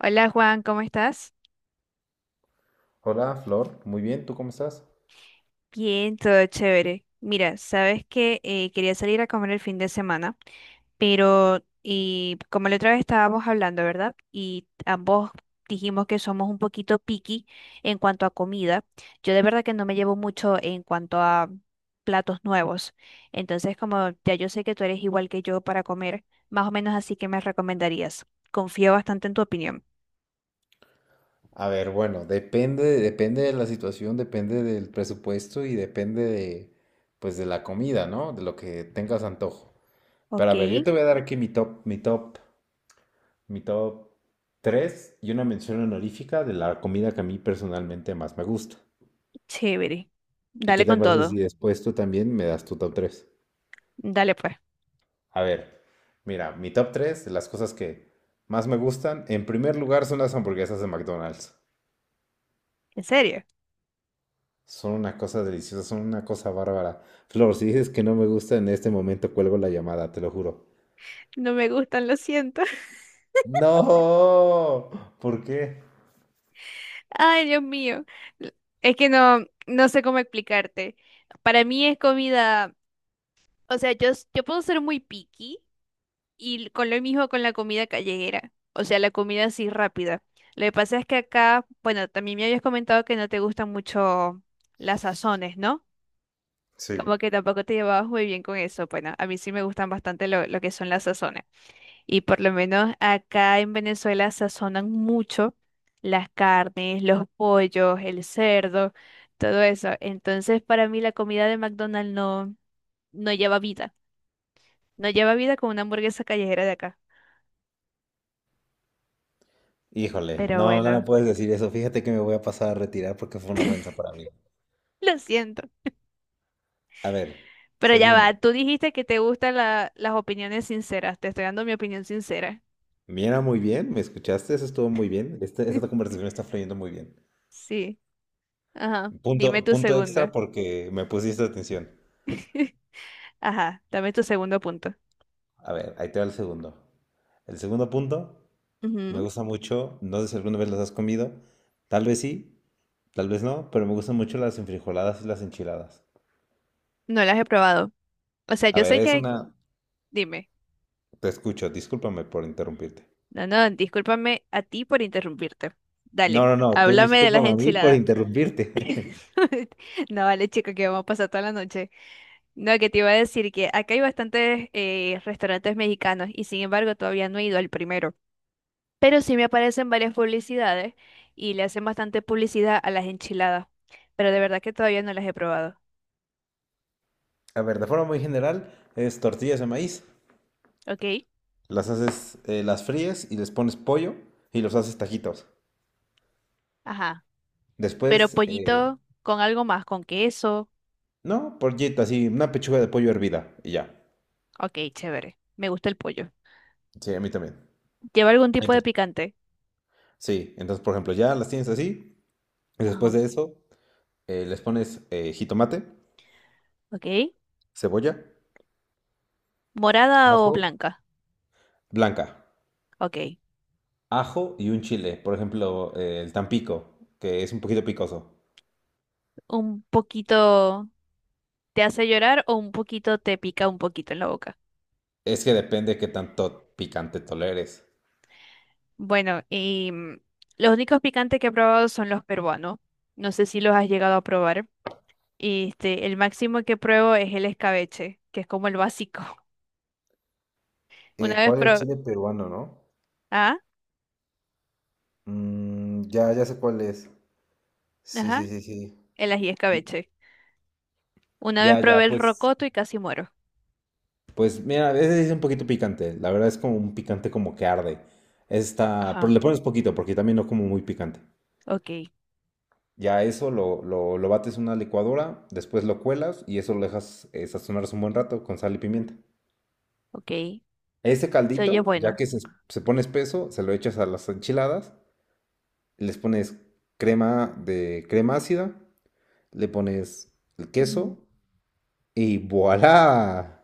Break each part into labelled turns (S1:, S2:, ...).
S1: Hola Juan, ¿cómo estás?
S2: Hola, Flor. Muy bien, ¿tú cómo estás?
S1: Bien, todo chévere. Mira, sabes que quería salir a comer el fin de semana, pero y como la otra vez estábamos hablando, ¿verdad? Y ambos dijimos que somos un poquito picky en cuanto a comida. Yo de verdad que no me llevo mucho en cuanto a platos nuevos. Entonces, como ya yo sé que tú eres igual que yo para comer, más o menos así que me recomendarías. Confío bastante en tu opinión.
S2: A ver, bueno, depende, depende de la situación, depende del presupuesto y depende de, pues, de la comida, ¿no? De lo que tengas antojo. Pero
S1: Ok,
S2: a ver, yo te voy a dar aquí mi top, mi top, mi top 3 y una mención honorífica de la comida que a mí personalmente más me gusta.
S1: chévere.
S2: ¿Y qué
S1: Dale
S2: te
S1: con
S2: parece si
S1: todo.
S2: después tú también me das tu top 3?
S1: Dale pues.
S2: A ver, mira, mi top 3, de las cosas que más me gustan, en primer lugar son las hamburguesas de McDonald's.
S1: ¿En serio?
S2: Son una cosa deliciosa, son una cosa bárbara. Flor, si dices que no me gusta en este momento, cuelgo la llamada, te lo juro.
S1: No me gustan, lo siento.
S2: No, ¿por qué?
S1: Ay, Dios mío. Es que no sé cómo explicarte. Para mí es comida, o sea, yo, yo puedo ser muy picky y con lo mismo con la comida callejera, o sea, la comida así rápida. Lo que pasa es que acá, bueno, también me habías comentado que no te gustan mucho las sazones, ¿no?
S2: Sí.
S1: Como que tampoco te llevabas muy bien con eso. Bueno, a mí sí me gustan bastante lo que son las sazones. Y por lo menos acá en Venezuela sazonan mucho las carnes, los pollos, el cerdo, todo eso. Entonces, para mí la comida de McDonald's no lleva vida. No lleva vida como una hamburguesa callejera de acá.
S2: Híjole,
S1: Pero
S2: no, no me
S1: bueno,
S2: puedes decir eso. Fíjate que me voy a pasar a retirar porque fue una ofensa para mí.
S1: lo siento.
S2: A ver,
S1: Pero ya
S2: segundo.
S1: va, tú dijiste que te gustan las opiniones sinceras. Te estoy dando mi opinión sincera.
S2: Mira, muy bien, ¿me escuchaste? Eso estuvo muy bien. Esta conversación está fluyendo muy bien.
S1: Sí. Ajá. Dime
S2: Punto,
S1: tu
S2: punto
S1: segundo.
S2: extra porque me pusiste atención.
S1: Ajá, dame tu segundo punto.
S2: A ver, ahí te va el segundo. El segundo punto me
S1: Ujú.
S2: gusta mucho, no sé si alguna vez las has comido, tal vez sí, tal vez no, pero me gustan mucho las enfrijoladas y las enchiladas.
S1: No las he probado. O sea,
S2: A
S1: yo
S2: ver,
S1: sé
S2: es
S1: que...
S2: una...
S1: Dime.
S2: Te escucho, discúlpame por interrumpirte.
S1: No, no, discúlpame a ti por interrumpirte.
S2: No,
S1: Dale,
S2: no, no, tú
S1: háblame de las
S2: discúlpame a mí por
S1: enchiladas.
S2: interrumpirte.
S1: No, vale, chico, que vamos a pasar toda la noche. No, que te iba a decir que acá hay bastantes restaurantes mexicanos y sin embargo todavía no he ido al primero. Pero sí me aparecen varias publicidades y le hacen bastante publicidad a las enchiladas. Pero de verdad que todavía no las he probado.
S2: A ver, de forma muy general, es tortillas de maíz.
S1: ¿Ok?
S2: Las haces, las fríes y les pones pollo y los haces tajitos.
S1: Ajá. Pero
S2: Después,
S1: pollito con algo más, con queso.
S2: no, pollito, así, una pechuga de pollo hervida y ya.
S1: Ok, chévere. Me gusta el pollo.
S2: Sí, a mí también.
S1: ¿Lleva algún tipo de
S2: Entonces,
S1: picante?
S2: sí, entonces, por ejemplo, ya las tienes así y después
S1: Ajá.
S2: de eso... les pones jitomate,
S1: Ok.
S2: cebolla.
S1: ¿Morada o
S2: Ajo.
S1: blanca?
S2: Blanca,
S1: Ok.
S2: ajo y un chile. Por ejemplo, el tampico, que es un poquito picoso.
S1: ¿Un poquito te hace llorar o un poquito te pica un poquito en la boca?
S2: Es que depende qué tanto picante toleres.
S1: Bueno, y los únicos picantes que he probado son los peruanos. No sé si los has llegado a probar. Este, el máximo que pruebo es el escabeche, que es como el básico. Una vez
S2: ¿Cuál es el
S1: probé...
S2: chile peruano, no?
S1: Ah,
S2: Mm, ya, ya sé cuál es. Sí,
S1: ajá,
S2: sí, sí, sí.
S1: el ají escabeche. Una vez
S2: Ya,
S1: probé
S2: ya,
S1: el
S2: pues,
S1: rocoto y casi muero.
S2: pues mira, a veces es un poquito picante. La verdad es como un picante como que arde. Está,
S1: Ajá,
S2: pero le pones poquito porque también no como muy picante.
S1: ok,
S2: Ya eso lo bates en una licuadora, después lo cuelas y eso lo dejas sazonarse un buen rato con sal y pimienta.
S1: ok.
S2: Ese
S1: Se oye
S2: caldito, ya
S1: bueno.
S2: que se pone espeso, se lo echas a las enchiladas, les pones crema de crema ácida, le pones el
S1: Ujú.
S2: queso y ¡voilá!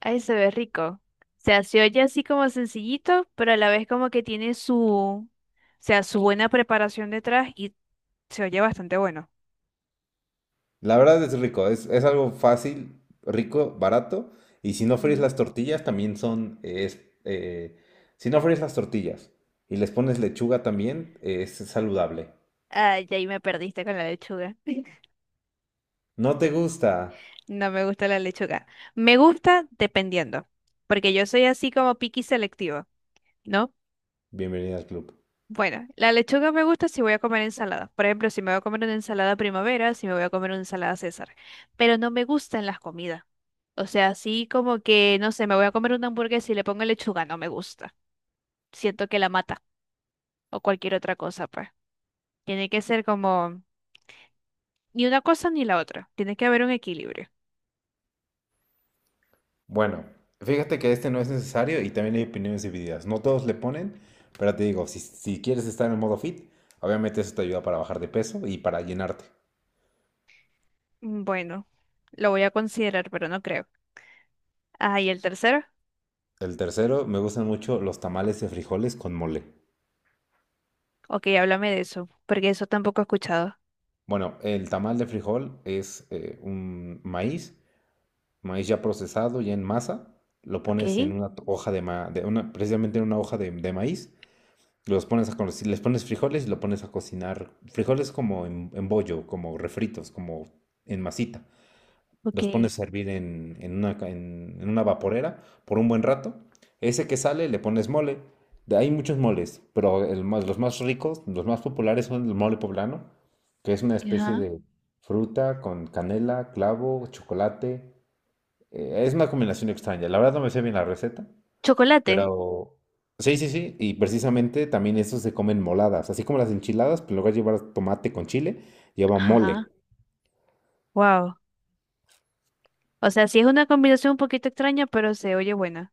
S1: Ay, se ve rico. O sea, se oye así como sencillito, pero a la vez como que tiene su, o sea, su buena preparación detrás y se oye bastante bueno.
S2: La verdad es rico, es algo fácil, rico, barato. Y si no fríes
S1: Ujú.
S2: las tortillas, también son... es, si no fríes las tortillas y les pones lechuga también, es saludable.
S1: Ay, ahí me perdiste con la lechuga.
S2: ¿No te gusta?
S1: No me gusta la lechuga. Me gusta dependiendo, porque yo soy así como picky selectivo, ¿no?
S2: Bienvenida al club.
S1: Bueno, la lechuga me gusta si voy a comer ensalada. Por ejemplo, si me voy a comer una ensalada primavera, si me voy a comer una ensalada César. Pero no me gustan las comidas. O sea, así como que, no sé, me voy a comer una hamburguesa y le pongo lechuga, no me gusta. Siento que la mata o cualquier otra cosa, pues. Tiene que ser como ni una cosa ni la otra. Tiene que haber un equilibrio.
S2: Bueno, fíjate que este no es necesario y también hay opiniones divididas. No todos le ponen, pero te digo, si, si quieres estar en el modo fit, obviamente eso te ayuda para bajar de peso y para llenarte.
S1: Mm, bueno, lo voy a considerar, pero no creo. Ah, ¿y el tercero?
S2: El tercero, me gustan mucho los tamales de frijoles con mole.
S1: Ok, háblame de eso, porque eso tampoco he escuchado.
S2: Bueno, el tamal de frijol es un maíz, maíz ya procesado, ya en masa. Lo
S1: Ok,
S2: pones en una hoja de de una, precisamente en una hoja de maíz. Los pones a conocer, les pones frijoles y lo pones a cocinar. Frijoles como en bollo, como refritos, como en masita.
S1: ok.
S2: Los pones a hervir en una, en una vaporera por un buen rato. Ese que sale le pones mole. Hay muchos moles, pero los más ricos, los más populares son el mole poblano, que es una especie
S1: Ajá.
S2: de fruta con canela, clavo, chocolate. Es una combinación extraña. La verdad no me sé bien la receta,
S1: Chocolate.
S2: pero sí, sí, sí. Y precisamente también eso se comen moladas. Así como las enchiladas, pero en lugar de llevar tomate con chile, lleva
S1: Ajá.
S2: mole.
S1: Wow. O sea, sí es una combinación un poquito extraña, pero se oye buena.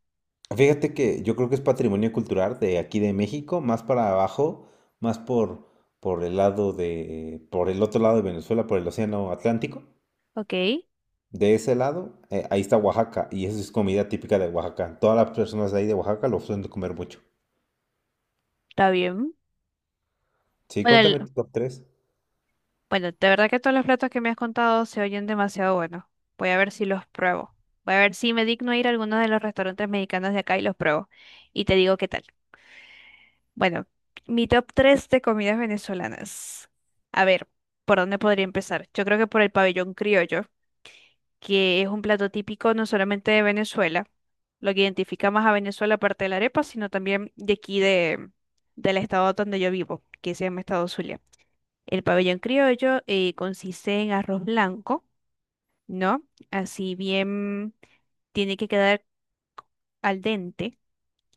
S2: Fíjate que yo creo que es patrimonio cultural de aquí de México, más para abajo, más por el lado de, por el otro lado de Venezuela, por el Océano Atlántico.
S1: Ok,
S2: De ese lado, ahí está Oaxaca, y eso es comida típica de Oaxaca. Todas las personas de ahí de Oaxaca lo suelen comer mucho.
S1: está bien.
S2: Sí,
S1: Bueno, el-
S2: cuéntame tu top tres.
S1: bueno, de verdad que todos los platos que me has contado se oyen demasiado buenos. Voy a ver si los pruebo. Voy a ver si me digno a ir a alguno de los restaurantes mexicanos de acá y los pruebo. Y te digo qué tal. Bueno, mi top 3 de comidas venezolanas. A ver, ¿por dónde podría empezar? Yo creo que por el pabellón criollo. Que es un plato típico no solamente de Venezuela, lo que identifica más a Venezuela aparte de la arepa, sino también de aquí de, del estado donde yo vivo, que se llama Estado Zulia. El pabellón criollo consiste en arroz blanco, ¿no? Así bien tiene que quedar al dente,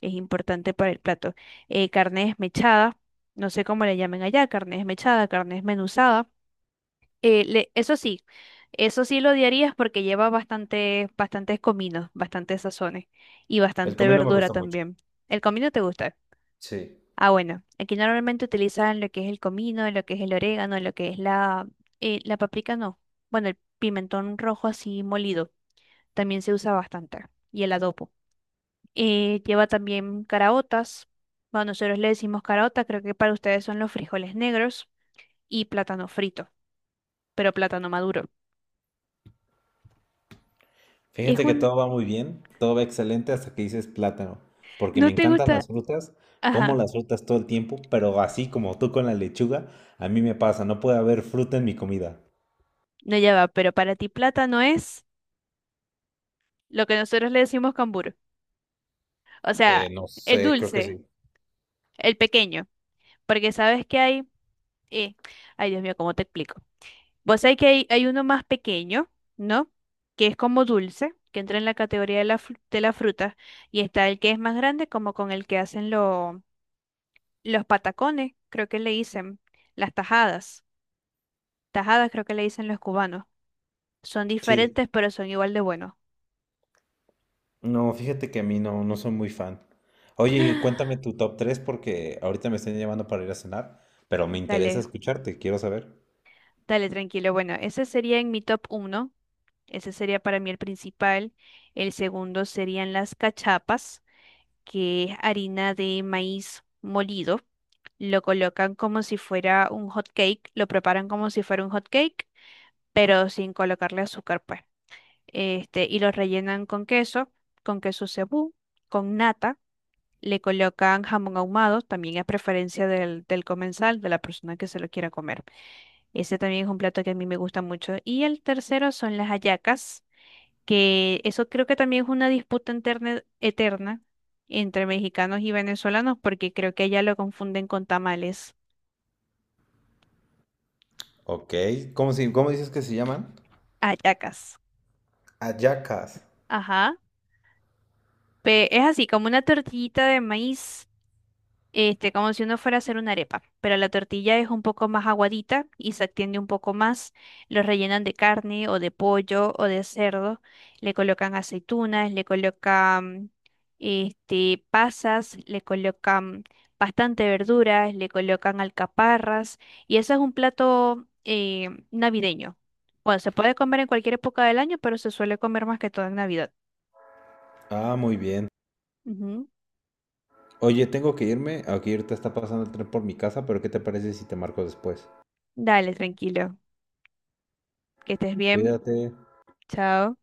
S1: es importante para el plato. Carne desmechada, no sé cómo le llamen allá, carne desmechada, carne desmenuzada. Eh, le- eso sí, eso sí lo odiarías porque lleva bastante, bastantes cominos, bastantes sazones y
S2: El
S1: bastante
S2: comino me
S1: verdura
S2: gusta mucho.
S1: también. ¿El comino te gusta?
S2: Sí.
S1: Ah, bueno, aquí normalmente utilizan lo que es el comino, lo que es el orégano, lo que es la paprika no. Bueno, el pimentón rojo así molido también se usa bastante y el adobo. Lleva también caraotas. Bueno, nosotros le decimos caraota, creo que para ustedes son los frijoles negros y plátano frito, pero plátano maduro. Es
S2: Fíjate que
S1: un...
S2: todo va muy bien, todo va excelente hasta que dices plátano, porque me
S1: ¿No te
S2: encantan las
S1: gusta?
S2: frutas, como
S1: Ajá,
S2: las frutas todo el tiempo, pero así como tú con la lechuga, a mí me pasa, no puede haber fruta en mi comida.
S1: no ya va, pero para ti plátano es lo que nosotros le decimos cambur. O sea,
S2: No
S1: el
S2: sé, creo que sí.
S1: dulce, el pequeño. Porque sabes que hay. eh, Ay, Dios mío, ¿cómo te explico? Vos sabés que hay uno más pequeño, ¿no? Que es como dulce, que entra en la categoría de de la fruta. Y está el que es más grande, como con el que hacen los patacones, creo que le dicen. Las tajadas. Tajadas creo que le dicen los cubanos. Son
S2: Sí.
S1: diferentes, pero son igual de buenos.
S2: No, fíjate que a mí no, no soy muy fan. Oye, y cuéntame tu top 3 porque ahorita me están llamando para ir a cenar, pero me interesa
S1: Dale.
S2: escucharte, quiero saber.
S1: Dale, tranquilo. Bueno, ese sería en mi top uno. Ese sería para mí el principal. El segundo serían las cachapas, que es harina de maíz molido. Lo colocan como si fuera un hot cake, lo preparan como si fuera un hot cake, pero sin colocarle azúcar, pues. Este, y lo rellenan con queso cebú, con nata. Le colocan jamón ahumado, también a preferencia del comensal, de la persona que se lo quiera comer. Ese también es un plato que a mí me gusta mucho. Y el tercero son las hallacas, que eso creo que también es una disputa eterna entre mexicanos y venezolanos, porque creo que allá lo confunden con tamales.
S2: Ok, ¿cómo, si, cómo dices que se llaman?
S1: Hallacas.
S2: Ayacas.
S1: Ajá. Es así, como una tortillita de maíz. Este, como si uno fuera a hacer una arepa, pero la tortilla es un poco más aguadita y se extiende un poco más. Lo rellenan de carne o de pollo o de cerdo. Le colocan aceitunas, le colocan este, pasas, le colocan bastante verduras, le colocan alcaparras. Y ese es un plato navideño. Bueno, se puede comer en cualquier época del año, pero se suele comer más que todo en Navidad.
S2: Ah, muy bien.
S1: Ujú.
S2: Oye, tengo que irme. Aquí ahorita está pasando el tren por mi casa, pero ¿qué te parece si te marco después?
S1: Dale, tranquilo. Que estés bien.
S2: Cuídate.
S1: Chao.